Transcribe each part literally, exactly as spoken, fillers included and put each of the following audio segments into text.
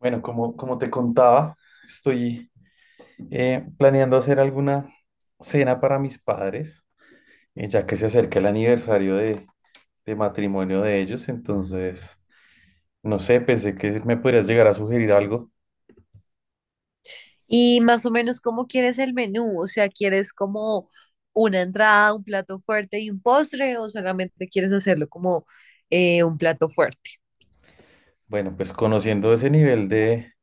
Bueno, como, como te contaba, estoy eh, planeando hacer alguna cena para mis padres, eh, ya que se acerca el aniversario de, de matrimonio de ellos. Entonces, no sé, pensé que me podrías llegar a sugerir algo. Y más o menos, ¿cómo quieres el menú? O sea, ¿quieres como una entrada, un plato fuerte y un postre o solamente quieres hacerlo como eh, un plato fuerte? Bueno, pues conociendo ese nivel de,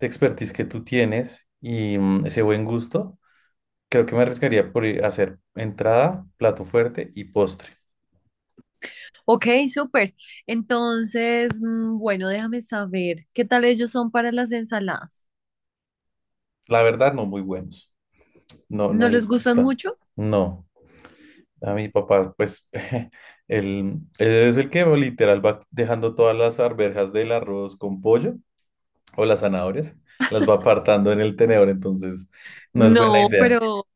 de expertise que tú tienes y mm, ese buen gusto, creo que me arriesgaría por ir a hacer entrada, plato fuerte y postre. Ok, súper. Entonces, mm, bueno, déjame saber, ¿qué tal ellos son para las ensaladas? La verdad, no muy buenos. No, ¿No no les les gustan gusta. mucho? No. A mi papá, pues, él, él es el que literal va dejando todas las arvejas del arroz con pollo o las zanahorias, las va apartando en el tenedor, entonces no es buena No, idea. pero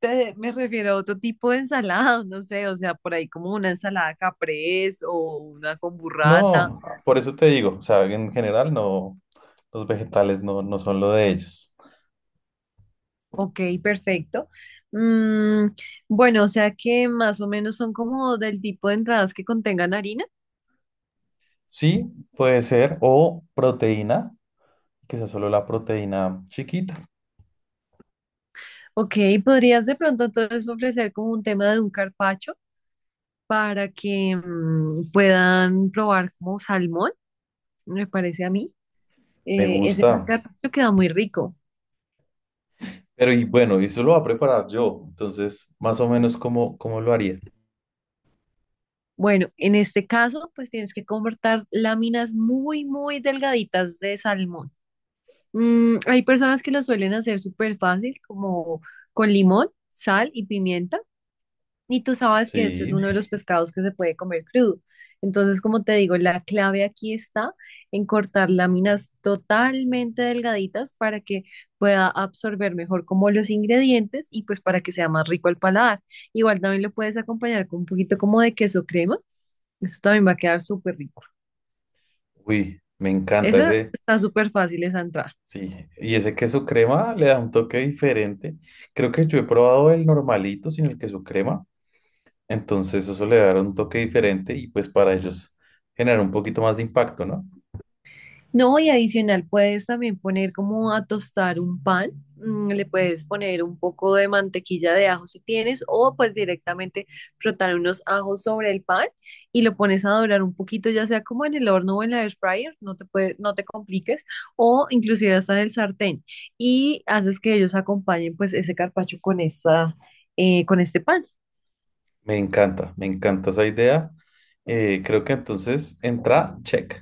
te- me refiero a otro tipo de ensalada, no sé, o sea, por ahí como una ensalada caprese o una con burrata. No, por eso te digo, o sea, en general no, los vegetales no, no son lo de ellos. Ok, perfecto. Mm, bueno, o sea que más o menos son como del tipo de entradas que contengan harina. Sí, puede ser, o proteína, que sea solo la proteína chiquita. Ok, podrías de pronto entonces ofrecer como un tema de un carpaccio para que mm, puedan probar como salmón, me parece a mí. Me Eh, ese ese gusta. carpaccio queda muy rico. Pero y bueno, eso lo va a preparar yo, entonces más o menos como cómo cómo lo haría. Bueno, en este caso, pues tienes que cortar láminas muy, muy delgaditas de salmón. Mm, hay personas que lo suelen hacer súper fácil, como con limón, sal y pimienta. Y tú sabes que este es Sí. uno de los pescados que se puede comer crudo. Entonces, como te digo, la clave aquí está en cortar láminas totalmente delgaditas para que pueda absorber mejor como los ingredientes y pues para que sea más rico al paladar. Igual también lo puedes acompañar con un poquito como de queso crema. Eso también va a quedar súper rico. Uy, me encanta Esa ese, está súper fácil esa entrada. sí. Y ese queso crema le da un toque diferente. Creo que yo he probado el normalito sin el queso crema. Entonces eso le da un toque diferente y pues para ellos generar un poquito más de impacto, ¿no? No, y adicional puedes también poner como a tostar un pan, mm, le puedes poner un poco de mantequilla de ajo si tienes, o pues directamente frotar unos ajos sobre el pan y lo pones a dorar un poquito, ya sea como en el horno o en la air fryer, no te puede- no te compliques, o inclusive hasta en el sartén, y haces que ellos acompañen pues ese carpaccio con esta, eh, con este pan. Me encanta, me encanta esa idea. Eh, creo que entonces entra, check.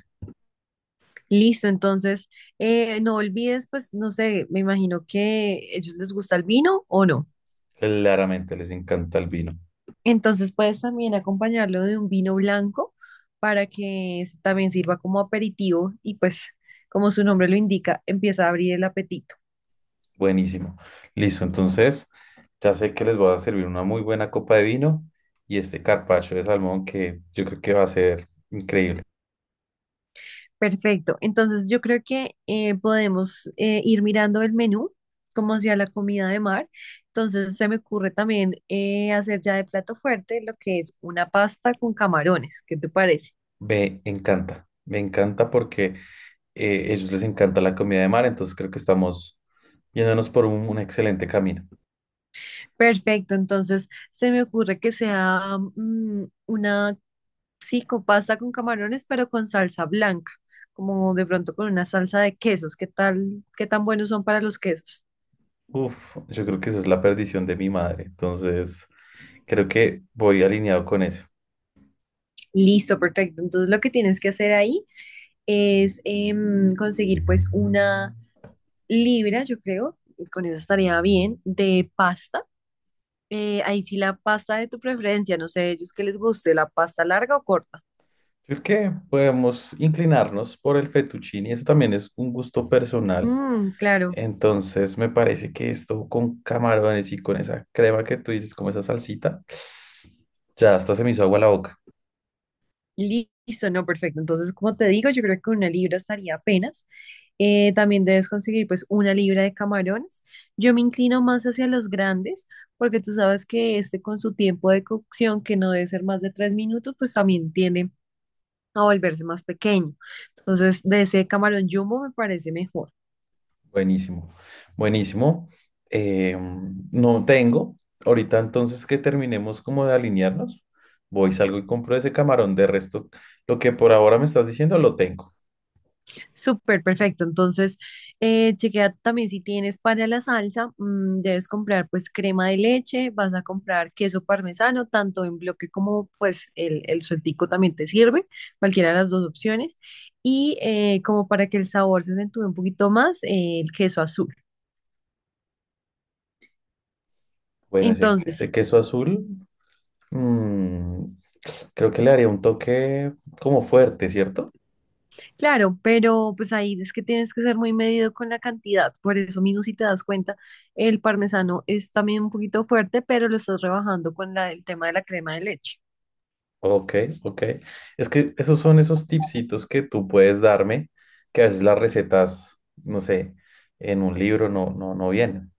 Listo, entonces eh, no olvides pues, no sé, me imagino que ellos les gusta el vino o no. Claramente les encanta el vino. Entonces puedes también acompañarlo de un vino blanco para que s- también sirva como aperitivo y pues como su nombre lo indica, empieza a abrir el apetito. Buenísimo. Listo, entonces ya sé que les voy a servir una muy buena copa de vino y este carpaccio de salmón que yo creo que va a ser increíble. Perfecto. Entonces yo creo que eh, podemos eh, ir mirando el menú como hacia la comida de mar. Entonces se me ocurre también eh, hacer ya de plato fuerte lo que es una pasta con camarones. ¿Qué te parece? Me encanta, me encanta porque eh, ellos les encanta la comida de mar, entonces creo que estamos yéndonos por un, un excelente camino. Perfecto. Entonces se me ocurre que sea mm, una sí, con pasta con camarones, pero con salsa blanca, como de pronto con una salsa de quesos. ¿Qué tal, qué tan buenos son para los quesos? Uf, yo creo que esa es la perdición de mi madre, entonces creo que voy alineado con eso. Listo, perfecto. Entonces lo que tienes que hacer ahí es em, conseguir pues una libra, yo creo, con eso estaría bien, de pasta. Eh, ahí sí la pasta de tu preferencia, no sé, ellos que les guste, la pasta larga o corta. Creo que podemos inclinarnos por el fettuccine, eso también es un gusto personal, Mm, claro. entonces me parece que esto con camarones y con esa crema que tú dices, como esa salsita, ya hasta se me hizo agua la boca. Listo, no, perfecto. Entonces, como te digo, yo creo que una libra estaría apenas. Eh, también debes conseguir pues una libra de camarones. Yo me inclino más hacia los grandes porque tú sabes que este con su tiempo de cocción, que no debe ser más de tres minutos, pues también tiende a volverse más pequeño. Entonces, de ese camarón jumbo me parece mejor. Buenísimo, buenísimo. Eh, no tengo. Ahorita entonces que terminemos como de alinearnos, voy, salgo y compro ese camarón. De resto, lo que por ahora me estás diciendo lo tengo. Súper perfecto. Entonces, eh, chequea también si tienes para la salsa, mm, debes comprar pues crema de leche, vas a comprar queso parmesano, tanto en bloque como pues el, el sueltico también te sirve, cualquiera de las dos opciones. Y eh, como para que el sabor se acentúe un poquito más, eh, el queso azul. Bueno, ese, ese Entonces, queso azul, mm, creo que le haría un toque como fuerte, ¿cierto? claro, pero pues ahí es que tienes que ser muy medido con la cantidad. Por eso mismo, si te das cuenta, el parmesano es también un poquito fuerte, pero lo estás rebajando con la- el tema de la crema de leche. Ok, ok. Es que esos son esos tipsitos que tú puedes darme, que a veces las recetas, no sé, en un libro no, no, no vienen.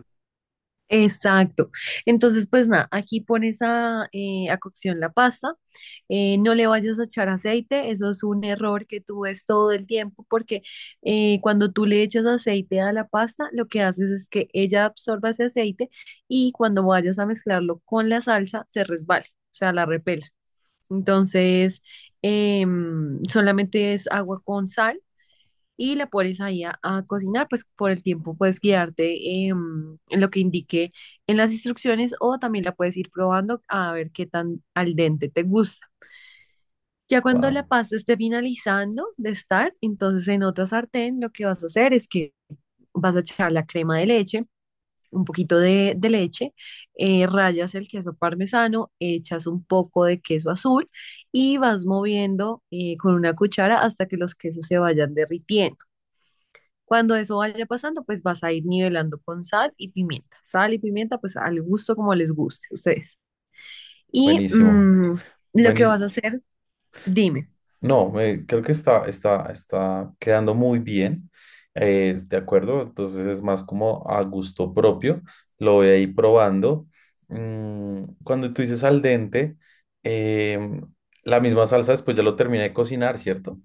Exacto. Entonces, pues nada, aquí pones a, eh, a cocción la pasta, eh, no le vayas a echar aceite, eso es un error que tú ves todo el tiempo porque eh, cuando tú le echas aceite a la pasta, lo que haces es que ella absorba ese aceite y cuando vayas a mezclarlo con la salsa, se resbale, o sea, la repela. Entonces, em, solamente es agua con sal y la pones ahí a, a cocinar, pues por el tiempo puedes guiarte em, en lo que indique en las instrucciones o también la puedes ir probando a ver qué tan al dente te gusta. Ya cuando la Wow, pasta esté finalizando de estar, entonces en otra sartén lo que vas a hacer es que vas a echar la crema de leche, un poquito de, de leche, eh, rayas el queso parmesano, echas un poco de queso azul y vas moviendo eh, con una cuchara hasta que los quesos se vayan derritiendo. Cuando eso vaya pasando, pues vas a ir nivelando con sal y pimienta. Sal y pimienta, pues al gusto como les guste a ustedes. Y buenísimo. mm, lo que vas a Buenísimo. hacer, dime. No, eh, creo que está, está, está quedando muy bien, eh, de acuerdo, entonces es más como a gusto propio, lo voy a ir probando. Mm, cuando tú dices al dente, em, la misma salsa después ya lo terminé de cocinar, ¿cierto?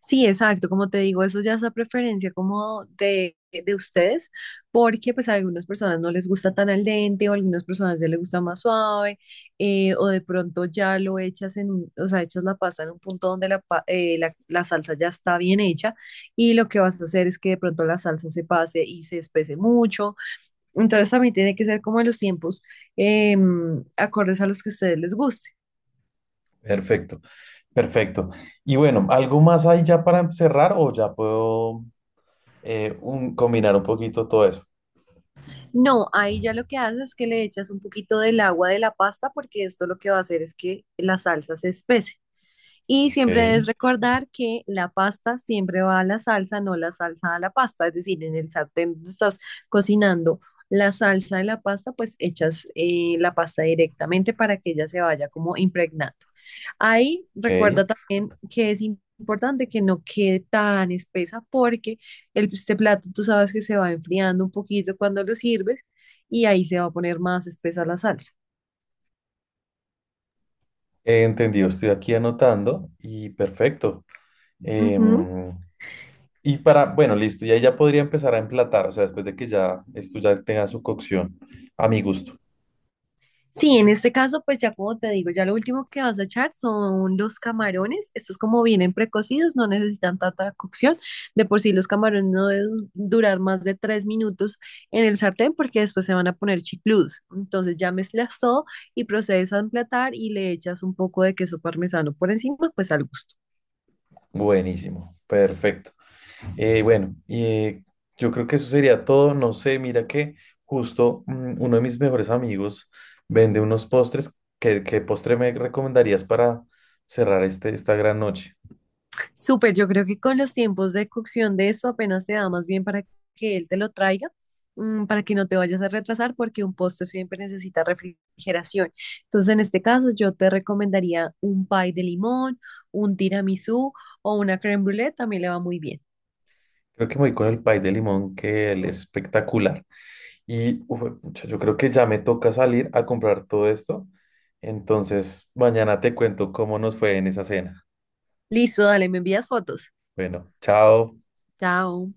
Sí, exacto, como te digo, eso ya es la preferencia como de, de ustedes, porque pues a algunas personas no les gusta tan al dente o a algunas personas ya les gusta más suave, eh, o de pronto ya lo echas en, un- o sea, echas la pasta en un punto donde la, pa- eh, la, la salsa ya está bien hecha y lo que vas a hacer es que de pronto la salsa se pase y se espese mucho, entonces también tiene que ser como en los tiempos em, acordes a los que a ustedes les guste. Perfecto, perfecto. Y bueno, ¿algo más ahí ya para cerrar o ya puedo eh, un- combinar un poquito todo eso? No, ahí ya lo que haces es que le echas un poquito del agua de la pasta porque esto lo que va a hacer es que la salsa se espese. Y Ok, siempre debes recordar que la pasta siempre va a la salsa, no la salsa a la pasta. Es decir, en el sartén donde estás cocinando la salsa de la pasta, pues echas eh, la pasta directamente para que ella se vaya como impregnando. Ahí ok, recuerda también que es importante que no quede tan espesa porque el, este plato tú sabes que se va enfriando un poquito cuando lo sirves y ahí se va a poner más espesa la salsa. entendido, estoy aquí anotando y perfecto. Em, Y para, bueno, listo, y ahí ya podría empezar a emplatar, o sea, después de que ya esto ya tenga su cocción, a mi gusto. Sí, en este caso, pues ya como te digo, ya lo último que vas a echar son los camarones. Estos como vienen precocidos, no necesitan tanta cocción. De por sí los camarones no deben durar más de tres minutos en el sartén porque después se van a poner chicludos. Entonces ya mezclas todo y procedes a emplatar y le echas un poco de queso parmesano por encima, pues al gusto. Buenísimo, perfecto. Eh, bueno, y eh, yo creo que eso sería todo. No sé, mira que justo mm, uno de mis mejores amigos vende unos postres. ¿Qué, ¿qué postre me recomendarías para cerrar este, esta gran noche? Súper, yo creo que con los tiempos de cocción de eso apenas te da más bien para que él te lo traiga, mm, para que no te vayas a retrasar, porque un postre siempre necesita refrigeración. Entonces, en este caso, yo te recomendaría un pie de limón, un tiramisú o una crème brûlée, también le va muy bien. Creo que me voy con el pay de limón, que es espectacular. Y, uf, pucha, yo creo que ya me toca salir a comprar todo esto. Entonces, mañana te cuento cómo nos fue en esa cena. Listo, dale, me envías fotos. Bueno, chao. Chao.